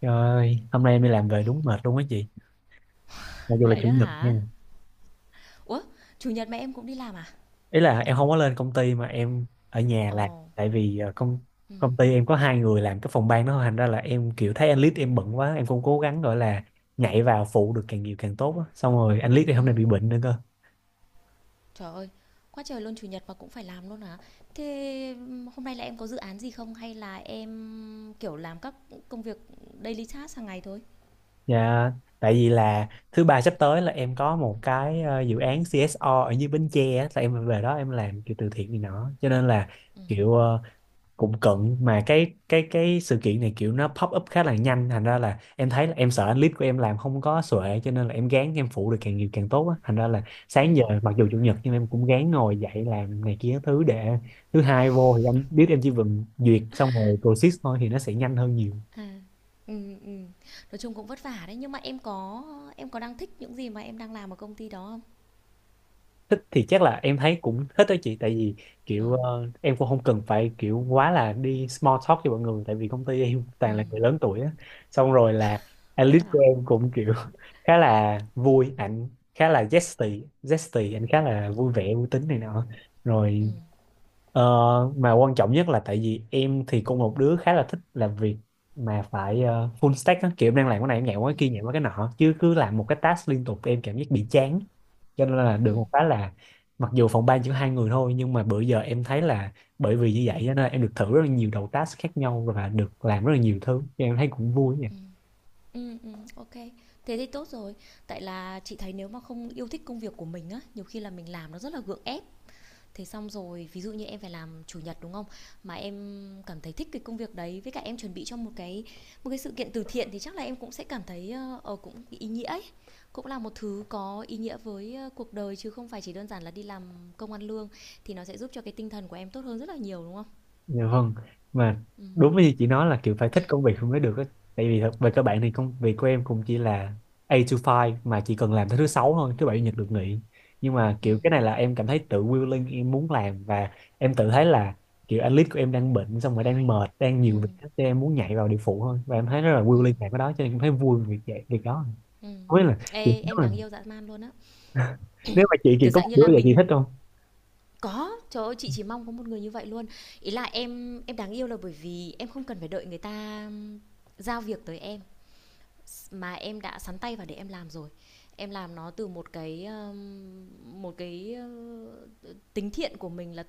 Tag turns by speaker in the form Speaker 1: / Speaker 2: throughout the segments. Speaker 1: Trời ơi, hôm nay em đi làm về
Speaker 2: Hết.
Speaker 1: đúng mệt luôn á chị. Mặc dù là, ừ,
Speaker 2: Vậy
Speaker 1: chủ
Speaker 2: đó
Speaker 1: nhật nha.
Speaker 2: hả? Ủa, chủ nhật mà em cũng đi làm à?
Speaker 1: Ý là em không có lên công ty mà em ở nhà làm.
Speaker 2: Ồ,
Speaker 1: Tại vì công
Speaker 2: ừm,
Speaker 1: công ty em có hai người làm cái phòng ban đó. Thành ra là em kiểu thấy anh Lít em bận quá. Em cũng cố gắng gọi là nhảy vào phụ được càng nhiều càng tốt á. Xong rồi anh Lít thì hôm
Speaker 2: ừm.
Speaker 1: nay bị bệnh nữa cơ.
Speaker 2: Trời ơi, quá trời luôn chủ nhật mà cũng phải làm luôn hả? Thế hôm nay là em có dự án gì không hay là em kiểu làm các công việc daily task hàng ngày thôi?
Speaker 1: Dạ, tại vì là thứ ba sắp tới là em có một cái dự án CSR ở dưới Bến Tre á. Là em về đó em làm kiểu từ thiện này nọ. Cho nên là
Speaker 2: Ừm,
Speaker 1: kiểu cũng cận, mà cái sự kiện này kiểu nó pop up khá là nhanh, thành ra là em thấy là em sợ clip của em làm không có xuệ, cho nên là em gán em phụ được càng nhiều càng tốt á. Thành ra là sáng giờ
Speaker 2: ừm.
Speaker 1: mặc dù chủ nhật nhưng em cũng gán ngồi dậy làm này kia thứ để thứ hai vô thì anh biết em chỉ cần duyệt xong rồi process thôi thì nó sẽ nhanh hơn nhiều.
Speaker 2: Ừm, ừm. Nói chung cũng vất vả đấy, nhưng mà em có đang thích những gì mà em đang làm ở công ty đó không?
Speaker 1: Thích thì chắc là em thấy cũng thích đó chị, tại vì
Speaker 2: Ừ.
Speaker 1: kiểu em cũng không cần phải kiểu quá là đi small talk cho mọi người, tại vì công ty em toàn là
Speaker 2: Ừm.
Speaker 1: người lớn tuổi á. Xong rồi là
Speaker 2: Vậy đó
Speaker 1: Alice của
Speaker 2: hả?
Speaker 1: em cũng kiểu khá là vui, ảnh khá là zesty zesty, ảnh khá là vui vẻ vui tính này nọ rồi.
Speaker 2: Ừm,
Speaker 1: Ờ, mà quan trọng nhất là tại vì em thì cũng một đứa khá là thích làm việc mà phải full stack á, kiểu em đang làm cái này em nhảy qua cái kia
Speaker 2: ừm,
Speaker 1: nhảy qua cái nọ, chứ cứ làm một cái task liên tục em cảm giác bị chán. Cho nên là được
Speaker 2: ừm,
Speaker 1: một cái là mặc dù phòng ban chỉ có hai người thôi nhưng mà bữa giờ em thấy là bởi vì như vậy cho nên em được thử rất là nhiều đầu task khác nhau và được làm rất là nhiều thứ cho em thấy cũng vui.
Speaker 2: ừm. Ô. Thế thì tốt rồi. Tại là chị thấy nếu mà không yêu thích công việc của mình á, nhiều khi là mình làm nó rất là gượng ép. Thế xong rồi ví dụ như em phải làm chủ nhật, đúng không? Mà em cảm thấy thích cái công việc đấy, với cả em chuẩn bị cho một sự kiện từ thiện thì chắc là em cũng sẽ cảm thấy, ơ, ờ, cũng ý nghĩa ấy, cũng là một thứ có ý nghĩa với, ơ, cuộc đời, chứ không phải chỉ đơn giản là đi làm công ăn lương, thì nó sẽ giúp cho cái tinh thần của em tốt hơn rất là nhiều, đúng không?
Speaker 1: Dạ vâng, mà đúng như chị nói là kiểu phải thích công việc không mới được á, tại vì thật về các bạn thì công việc của em cũng chỉ là 8 to 5, mà chỉ cần làm tới thứ sáu thôi, thứ bảy chủ nhật được nghỉ. Nhưng mà
Speaker 2: Ừm,
Speaker 1: kiểu cái này là em cảm thấy tự willing em muốn làm, và em tự thấy là kiểu analyst của em đang bệnh xong rồi đang mệt đang nhiều việc
Speaker 2: ừm,
Speaker 1: hết, em muốn nhảy vào địa phụ thôi, và em thấy rất là
Speaker 2: ừm,
Speaker 1: willing làm cái đó cho nên em thấy vui về việc vậy việc đó.
Speaker 2: ừm.
Speaker 1: Không biết là kiểu
Speaker 2: Ê,
Speaker 1: nếu
Speaker 2: em đáng
Speaker 1: mà
Speaker 2: yêu dã man luôn á.
Speaker 1: chị kiểu
Speaker 2: Kiểu,
Speaker 1: có
Speaker 2: dạng
Speaker 1: một
Speaker 2: như
Speaker 1: đứa
Speaker 2: là
Speaker 1: vậy chị
Speaker 2: mình.
Speaker 1: thích không?
Speaker 2: Có, trời ơi, chị chỉ mong có một người như vậy luôn. Ý là em đáng yêu là bởi vì em không cần phải đợi người ta giao việc tới em mà em đã sắn tay vào để em làm rồi. Em làm nó từ một cái tính thiện của mình là: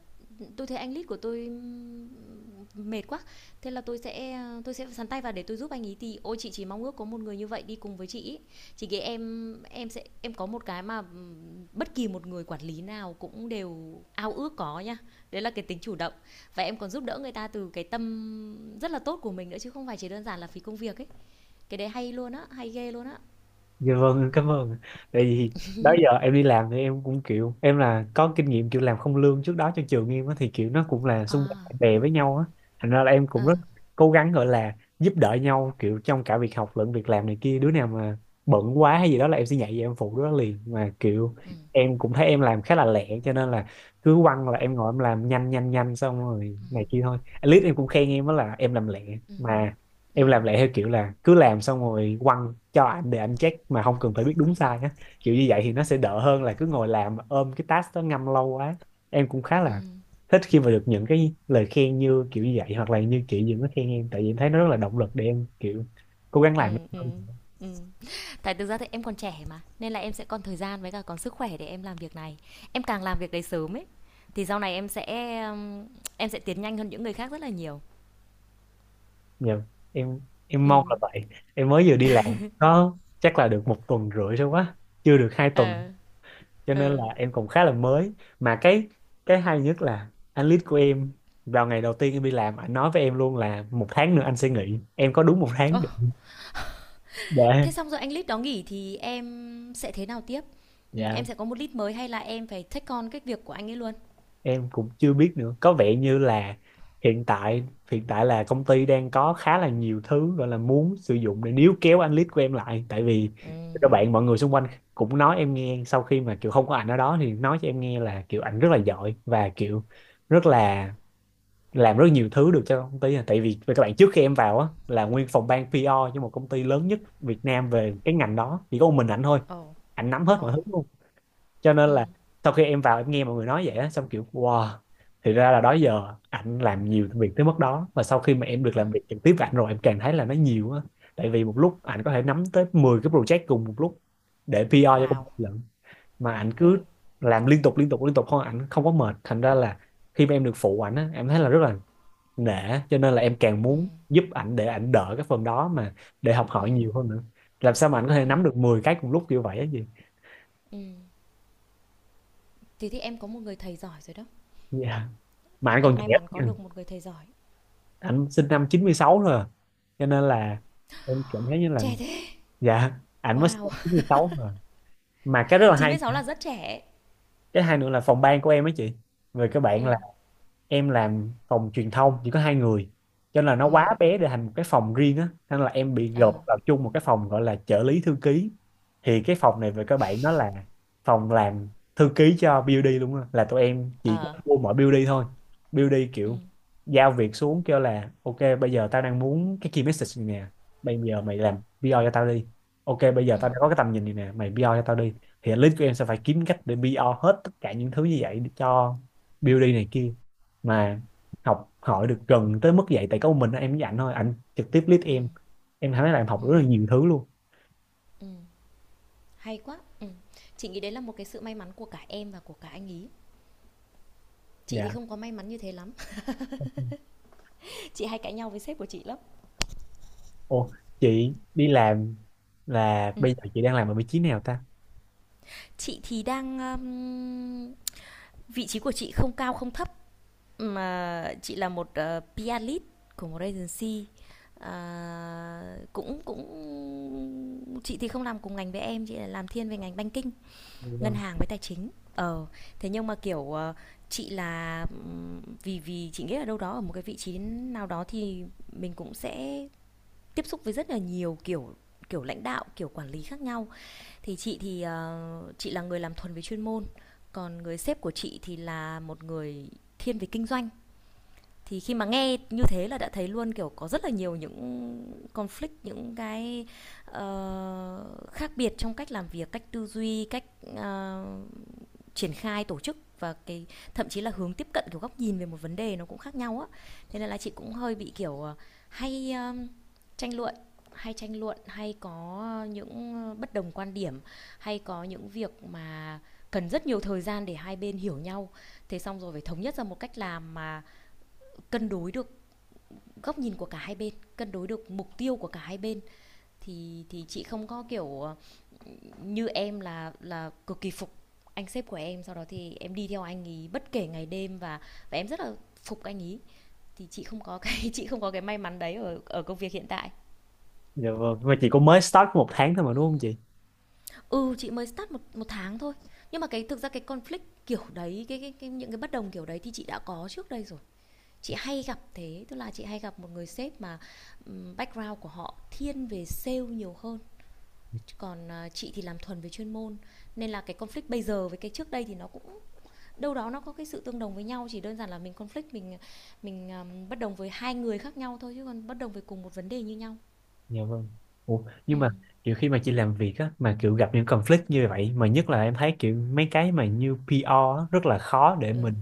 Speaker 2: tôi thấy anh lead của tôi mệt quá. Thế là tôi sẽ sắn tay vào để tôi giúp anh ấy. Thì ôi, chị chỉ mong ước có một người như vậy đi cùng với chị ý. Chị nghĩ em sẽ em có một cái mà bất kỳ một người quản lý nào cũng đều ao ước có nha. Đấy là cái tính chủ động. Và em còn giúp đỡ người ta từ cái tâm rất là tốt của mình nữa, chứ không phải chỉ đơn giản là phí công việc ấy. Cái đấy hay luôn á, hay ghê luôn á.
Speaker 1: Dạ vâng, em cảm ơn. Tại vì đó giờ em đi làm thì em cũng kiểu em là có kinh nghiệm kiểu làm không lương trước đó cho trường em á, thì kiểu nó cũng là xung quanh
Speaker 2: À,
Speaker 1: bạn bè với nhau á. Thành ra là em
Speaker 2: ờ,
Speaker 1: cũng rất cố gắng gọi là giúp đỡ nhau, kiểu trong cả việc học lẫn việc làm này kia. Đứa nào mà bận quá hay gì đó là em sẽ nhảy vào em phụ đứa đó liền. Mà kiểu
Speaker 2: ừm,
Speaker 1: em cũng thấy em làm khá là lẹ, cho nên là cứ quăng là em ngồi em làm nhanh nhanh nhanh xong rồi này kia thôi. At least em cũng khen em đó là em làm lẹ.
Speaker 2: ừm,
Speaker 1: Mà em
Speaker 2: ừm,
Speaker 1: làm lại theo kiểu là cứ làm xong rồi quăng cho anh để anh check mà không cần phải biết đúng sai á, kiểu như vậy thì nó sẽ đỡ hơn là cứ ngồi làm ôm cái task đó ngâm lâu quá. Em cũng khá là thích khi mà được những cái lời khen như kiểu như vậy, hoặc là như chị Dừng có khen em, tại vì em thấy nó rất là động lực để em kiểu cố gắng làm
Speaker 2: ừm,
Speaker 1: hơn.
Speaker 2: ừm. Tại thực ra thì em còn trẻ mà, nên là em sẽ còn thời gian với cả còn sức khỏe để em làm việc này. Em càng làm việc đấy sớm ấy, thì sau này em sẽ tiến nhanh hơn những người khác rất là nhiều.
Speaker 1: Nhiều, em em mong là
Speaker 2: Ừm,
Speaker 1: vậy. Em mới vừa đi làm có chắc là được một tuần rưỡi thôi, quá chưa được 2 tuần,
Speaker 2: ờ,
Speaker 1: cho nên là
Speaker 2: ừ.
Speaker 1: em còn khá là mới. Mà cái hay nhất là anh lead của em vào ngày đầu tiên em đi làm anh nói với em luôn là một tháng nữa anh sẽ nghỉ, em có đúng một tháng
Speaker 2: Ô,
Speaker 1: để.
Speaker 2: thế xong rồi anh lead đó nghỉ thì em sẽ thế nào tiếp?
Speaker 1: Dạ,
Speaker 2: Em sẽ có một lead mới hay là em phải take on cái việc của anh ấy luôn?
Speaker 1: em cũng chưa biết nữa, có vẻ như là hiện tại hiện tại là công ty đang có khá là nhiều thứ gọi là muốn sử dụng để níu kéo anh lead của em lại. Tại vì
Speaker 2: Ừm.
Speaker 1: các bạn mọi người xung quanh cũng nói em nghe sau khi mà kiểu không có ảnh ở đó thì nói cho em nghe là kiểu ảnh rất là giỏi và kiểu rất là làm rất nhiều thứ được cho công ty à. Tại vì về các bạn trước khi em vào á là nguyên phòng ban PR cho một công ty lớn nhất Việt Nam về cái ngành đó chỉ có một mình ảnh thôi,
Speaker 2: Ồ,
Speaker 1: ảnh nắm hết mọi
Speaker 2: ồ.
Speaker 1: thứ luôn. Cho nên
Speaker 2: Ừm,
Speaker 1: là sau khi em vào em nghe mọi người nói vậy á xong kiểu wow, thì ra là đó giờ ảnh làm nhiều việc tới mức đó. Và sau khi mà em được làm
Speaker 2: ừm.
Speaker 1: việc trực tiếp với ảnh rồi em càng thấy là nó nhiều á, tại vì một lúc ảnh có thể nắm tới 10 cái project cùng một lúc để PR cho công
Speaker 2: Wow.
Speaker 1: ty lận, mà ảnh cứ
Speaker 2: Ừm.
Speaker 1: làm liên tục liên tục liên tục thôi. Ảnh không có mệt, thành ra là khi mà em được phụ ảnh á em thấy là rất là nể, cho nên là em càng muốn
Speaker 2: Ừm,
Speaker 1: giúp ảnh để ảnh đỡ cái phần đó, mà để học hỏi nhiều hơn nữa, làm sao mà ảnh có thể nắm được 10 cái cùng lúc kiểu vậy á gì.
Speaker 2: ừm. Thế thì em có một người thầy giỏi rồi đó.
Speaker 1: Dạ, mà ảnh
Speaker 2: Em
Speaker 1: còn
Speaker 2: may
Speaker 1: trẻ
Speaker 2: mắn có
Speaker 1: nha.
Speaker 2: được một người thầy giỏi.
Speaker 1: Ảnh sinh năm 96 thôi à, cho nên là em cảm thấy như là,
Speaker 2: Trẻ thế.
Speaker 1: dạ, ảnh mới sinh
Speaker 2: Wow,
Speaker 1: năm 96 thôi à. Mà cái rất là
Speaker 2: chín
Speaker 1: hay,
Speaker 2: mươi sáu là rất trẻ.
Speaker 1: cái hay nữa là phòng ban của em á chị, về các
Speaker 2: Ừ.
Speaker 1: bạn là em làm phòng truyền thông chỉ có hai người, cho nên là nó
Speaker 2: Ừ.
Speaker 1: quá bé để thành một cái phòng riêng á, nên là em bị
Speaker 2: Ờ.
Speaker 1: gộp vào chung một cái phòng gọi là trợ lý thư ký. Thì cái phòng này về các bạn nó là phòng làm thư ký cho BUD luôn á, là tụi em chỉ
Speaker 2: Ờ.
Speaker 1: có mua mỗi BUD thôi. BUD
Speaker 2: Ừ.
Speaker 1: kiểu giao việc xuống kêu là ok bây giờ tao đang muốn cái key message này nè, bây giờ mày làm PR cho tao đi. Ok bây giờ
Speaker 2: Ừ.
Speaker 1: tao đã có cái tầm nhìn này nè, mày PR cho tao đi. Thì list của em sẽ phải kiếm cách để PR hết tất cả những thứ như vậy cho BUD này kia. Mà học hỏi được gần tới mức vậy tại có một mình em với ảnh thôi, ảnh trực tiếp lead
Speaker 2: Ừ.
Speaker 1: em thấy là em học
Speaker 2: Ừ.
Speaker 1: rất là nhiều thứ luôn.
Speaker 2: Ừ. Hay quá. Ừ. Chị nghĩ đấy là một cái sự may mắn của cả em và của cả anh ý. Chị thì
Speaker 1: Dạ.
Speaker 2: không có may mắn như thế lắm. Chị hay cãi nhau với sếp của chị lắm.
Speaker 1: Ô, chị đi làm là
Speaker 2: Ừ.
Speaker 1: bây giờ chị đang làm ở vị trí nào ta?
Speaker 2: Chị thì đang vị trí của chị không cao không thấp, mà chị là một PR lead của một agency. À, cũng cũng chị thì không làm cùng ngành với em, chị là làm thiên về ngành banking,
Speaker 1: Dạ
Speaker 2: ngân
Speaker 1: vâng.
Speaker 2: hàng với tài chính. Ờ, thế nhưng mà, kiểu, chị là, vì vì chị nghĩ là đâu đó ở một cái vị trí nào đó thì mình cũng sẽ tiếp xúc với rất là nhiều kiểu kiểu lãnh đạo, kiểu quản lý khác nhau. Thì chị là người làm thuần về chuyên môn, còn người sếp của chị thì là một người thiên về kinh doanh. Thì khi mà nghe như thế là đã thấy luôn, kiểu, có rất là nhiều những conflict, những cái, khác biệt trong cách làm việc, cách tư duy, cách, ờ, triển khai tổ chức, và cái thậm chí là hướng tiếp cận, kiểu góc nhìn về một vấn đề nó cũng khác nhau á. Thế nên là chị cũng hơi bị kiểu hay tranh luận tranh luận hay có những bất đồng quan điểm, hay có những việc mà cần rất nhiều thời gian để hai bên hiểu nhau. Thế xong rồi phải thống nhất ra một cách làm mà cân đối được góc nhìn của cả hai bên, cân đối được mục tiêu của cả hai bên. Thì chị không có kiểu như em là cực kỳ phục anh sếp của em, sau đó thì em đi theo anh ý bất kể ngày đêm và em rất là phục anh ý. Thì chị không có cái chị không có cái may mắn đấy ở ở công việc hiện tại.
Speaker 1: Dạ vâng, mà chị cũng mới start có một tháng thôi mà đúng không chị?
Speaker 2: Ừ, chị mới start một một tháng thôi, nhưng mà cái thực ra cái conflict kiểu đấy, cái những cái bất đồng kiểu đấy thì chị đã có trước đây rồi. Chị hay gặp thế, tức là chị hay gặp một người sếp mà background của họ thiên về sale nhiều hơn, còn chị thì làm thuần về chuyên môn. Nên là cái conflict bây giờ với cái trước đây thì nó cũng đâu đó nó có cái sự tương đồng với nhau, chỉ đơn giản là mình conflict, mình bất đồng với hai người khác nhau thôi, chứ còn bất đồng về cùng một vấn đề như nhau.
Speaker 1: Dạ vâng. Ủa,
Speaker 2: Ừ,
Speaker 1: nhưng mà kiểu khi mà chị làm việc á mà kiểu gặp những conflict như vậy, mà nhất là em thấy kiểu mấy cái mà như PR á, rất là khó để
Speaker 2: ừ,
Speaker 1: mình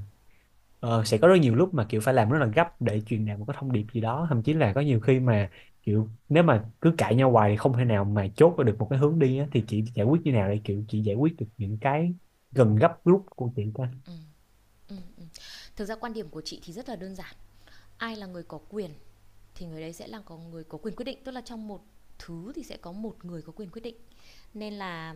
Speaker 1: Sẽ có rất nhiều lúc mà kiểu phải làm rất là gấp để truyền đạt một cái thông điệp gì đó, thậm chí là có nhiều khi mà kiểu nếu mà cứ cãi nhau hoài thì không thể nào mà chốt được một cái hướng đi á, thì chị giải quyết như nào để kiểu chị giải quyết được những cái gần gấp rút của chị ta?
Speaker 2: ừ, ừ. Thực ra quan điểm của chị thì rất là đơn giản: ai là người có quyền thì người đấy sẽ là có người có quyền quyết định. Tức là trong một thứ thì sẽ có một người có quyền quyết định. Nên là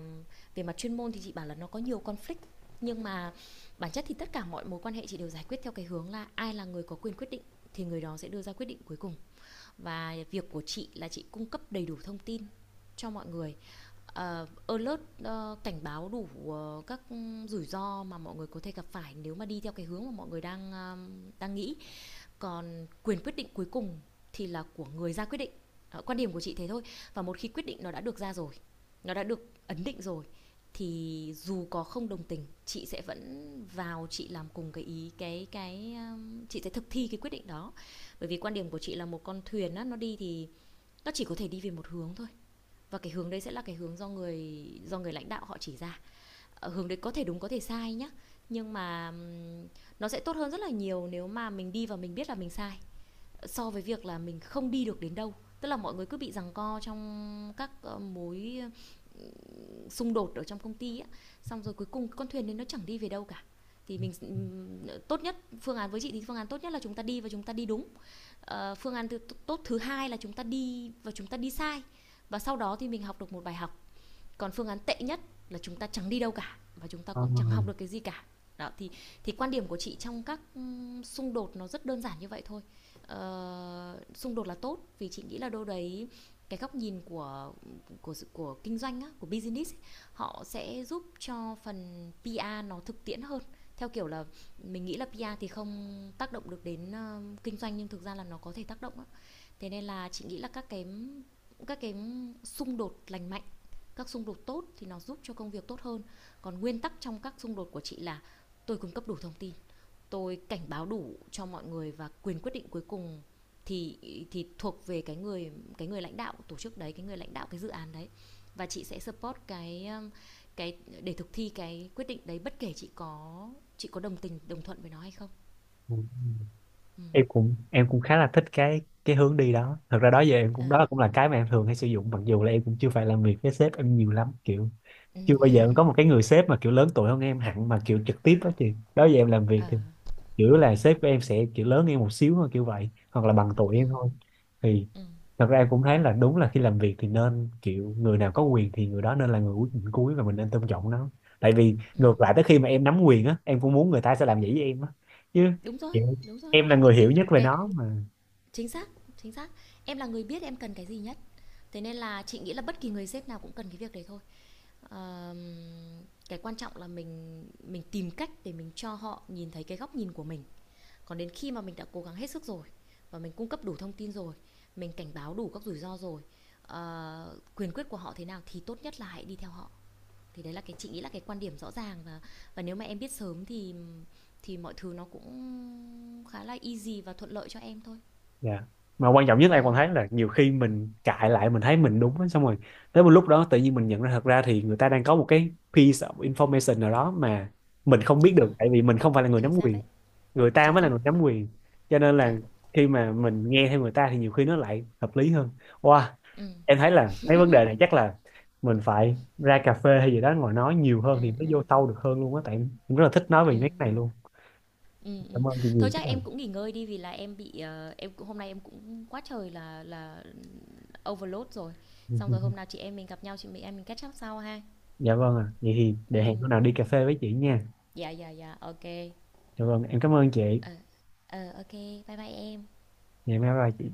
Speaker 2: về mặt chuyên môn thì chị bảo là nó có nhiều conflict, nhưng mà bản chất thì tất cả mọi mối quan hệ chị đều giải quyết theo cái hướng là ai là người có quyền quyết định thì người đó sẽ đưa ra quyết định cuối cùng. Và việc của chị là chị cung cấp đầy đủ thông tin cho mọi người, alert, cảnh báo đủ các rủi ro mà mọi người có thể gặp phải nếu mà đi theo cái hướng mà mọi người đang nghĩ. Còn quyền quyết định cuối cùng thì là của người ra quyết định. Đó, quan điểm của chị thế thôi. Và một khi quyết định nó đã được ra rồi, nó đã được ấn định rồi, thì dù có không đồng tình chị sẽ vẫn vào chị làm cùng cái ý, cái chị sẽ thực thi cái quyết định đó. Bởi vì quan điểm của chị là một con thuyền á, nó đi thì nó chỉ có thể đi về một hướng thôi, và cái hướng đấy sẽ là cái hướng do người lãnh đạo họ chỉ ra. Hướng đấy có thể đúng có thể sai nhá, nhưng mà nó sẽ tốt hơn rất là nhiều nếu mà mình đi và mình biết là mình sai, so với việc là mình không đi được đến đâu. Tức là mọi người cứ bị giằng co trong các mối ờ, xung đột ở trong công ty á, xong rồi cuối cùng con thuyền đấy nó chẳng đi về đâu cả. Thì mình tốt nhất, phương án với chị thì phương án tốt nhất là chúng ta đi và chúng ta đi đúng. Phương án tốt thứ hai là chúng ta đi và chúng ta đi sai, và sau đó thì mình học được một bài học. Còn phương án tệ nhất là chúng ta chẳng đi đâu cả và chúng ta
Speaker 1: Ờ,
Speaker 2: cũng chẳng học được cái gì cả. Đó, thì quan điểm của chị trong các xung đột nó rất đơn giản như vậy thôi. Xung đột là tốt, vì chị nghĩ là đâu đấy cái góc nhìn của của kinh doanh á, của business ấy, họ sẽ giúp cho phần PR nó thực tiễn hơn. Theo kiểu là mình nghĩ là PR thì không tác động được đến kinh doanh, nhưng thực ra là nó có thể tác động á. Thế nên là chị nghĩ là các cái xung đột lành mạnh, các xung đột tốt thì nó giúp cho công việc tốt hơn. Còn nguyên tắc trong các xung đột của chị là: tôi cung cấp đủ thông tin, tôi cảnh báo đủ cho mọi người, và quyền quyết định cuối cùng thì thì thuộc về cái người lãnh đạo tổ chức đấy, cái người lãnh đạo cái dự án đấy. Và chị sẽ support cái để thực thi cái quyết định đấy, bất kể chị có đồng tình đồng thuận với nó hay không.
Speaker 1: ừ, em cũng khá là thích cái hướng đi đó. Thật ra đó giờ em
Speaker 2: Ờ,
Speaker 1: cũng đó cũng là cái mà em thường hay sử dụng, mặc dù là em cũng chưa phải làm việc với sếp em nhiều lắm, kiểu
Speaker 2: ừ.
Speaker 1: chưa bao giờ em có một cái người sếp mà kiểu lớn tuổi hơn em hẳn mà kiểu trực tiếp đó chị, đó giờ em làm việc
Speaker 2: Ờ,
Speaker 1: thì kiểu là sếp của em sẽ kiểu lớn em một xíu thôi kiểu vậy hoặc là bằng tuổi em thôi. Thì
Speaker 2: ừ.
Speaker 1: thật ra em cũng thấy là đúng là khi làm việc thì nên kiểu người nào có quyền thì người đó nên là người cuối người cuối, và mình nên tôn trọng nó. Tại vì ngược lại tới khi mà em nắm quyền á em cũng muốn người ta sẽ làm vậy với em á chứ,
Speaker 2: Đúng rồi,
Speaker 1: kiểu
Speaker 2: đúng rồi.
Speaker 1: em là người hiểu nhất về
Speaker 2: Cái,
Speaker 1: nó mà.
Speaker 2: chính xác, chính xác. Em là người biết em cần cái gì nhất. Thế nên là chị nghĩ là bất kỳ người sếp nào cũng cần cái việc đấy thôi. Ờm, cái quan trọng là mình tìm cách để mình cho họ nhìn thấy cái góc nhìn của mình. Còn đến khi mà mình đã cố gắng hết sức rồi và mình cung cấp đủ thông tin rồi, mình cảnh báo đủ các rủi ro rồi, quyền quyết của họ thế nào thì tốt nhất là hãy đi theo họ. Thì đấy là cái chị nghĩ là cái quan điểm rõ ràng, và nếu mà em biết sớm thì mọi thứ nó cũng khá là easy và thuận lợi cho em thôi.
Speaker 1: Dạ. Mà quan trọng nhất
Speaker 2: Ừ,
Speaker 1: em còn thấy là nhiều khi mình cãi lại mình thấy mình đúng á, xong rồi tới một lúc đó tự nhiên mình nhận ra thật ra thì người ta đang có một cái piece of information nào đó mà mình không biết
Speaker 2: đúng rồi.
Speaker 1: được, tại vì mình không phải là người
Speaker 2: Chính
Speaker 1: nắm
Speaker 2: xác
Speaker 1: quyền,
Speaker 2: đấy,
Speaker 1: người ta
Speaker 2: chính
Speaker 1: mới là
Speaker 2: xác.
Speaker 1: người nắm quyền, cho nên là
Speaker 2: Chuẩn.
Speaker 1: khi mà mình nghe theo người ta thì nhiều khi nó lại hợp lý hơn. Wow,
Speaker 2: Ừ,
Speaker 1: em thấy là mấy vấn đề này chắc là mình phải ra cà phê hay gì đó ngồi nói nhiều
Speaker 2: ừ,
Speaker 1: hơn thì mới
Speaker 2: ừ,
Speaker 1: vô sâu được hơn luôn á, tại em rất là thích nói về
Speaker 2: ừ,
Speaker 1: mấy cái này luôn.
Speaker 2: ừ, ừ.
Speaker 1: Cảm ơn chị
Speaker 2: Thôi
Speaker 1: nhiều.
Speaker 2: chắc em cũng nghỉ ngơi đi, vì là em bị em cũng, hôm nay em cũng quá trời là overload rồi. Xong rồi hôm nào chị em mình gặp nhau, chị mình em mình catch up sau ha.
Speaker 1: Dạ vâng ạ. Vậy thì
Speaker 2: Ừ.
Speaker 1: để hẹn hôm nào đi cà phê với chị nha.
Speaker 2: Dạ, dạ, dạ, ok.
Speaker 1: Dạ vâng, em cảm ơn chị.
Speaker 2: Ờ, ờ, ok. Bye bye em.
Speaker 1: Ngày mai bye chị.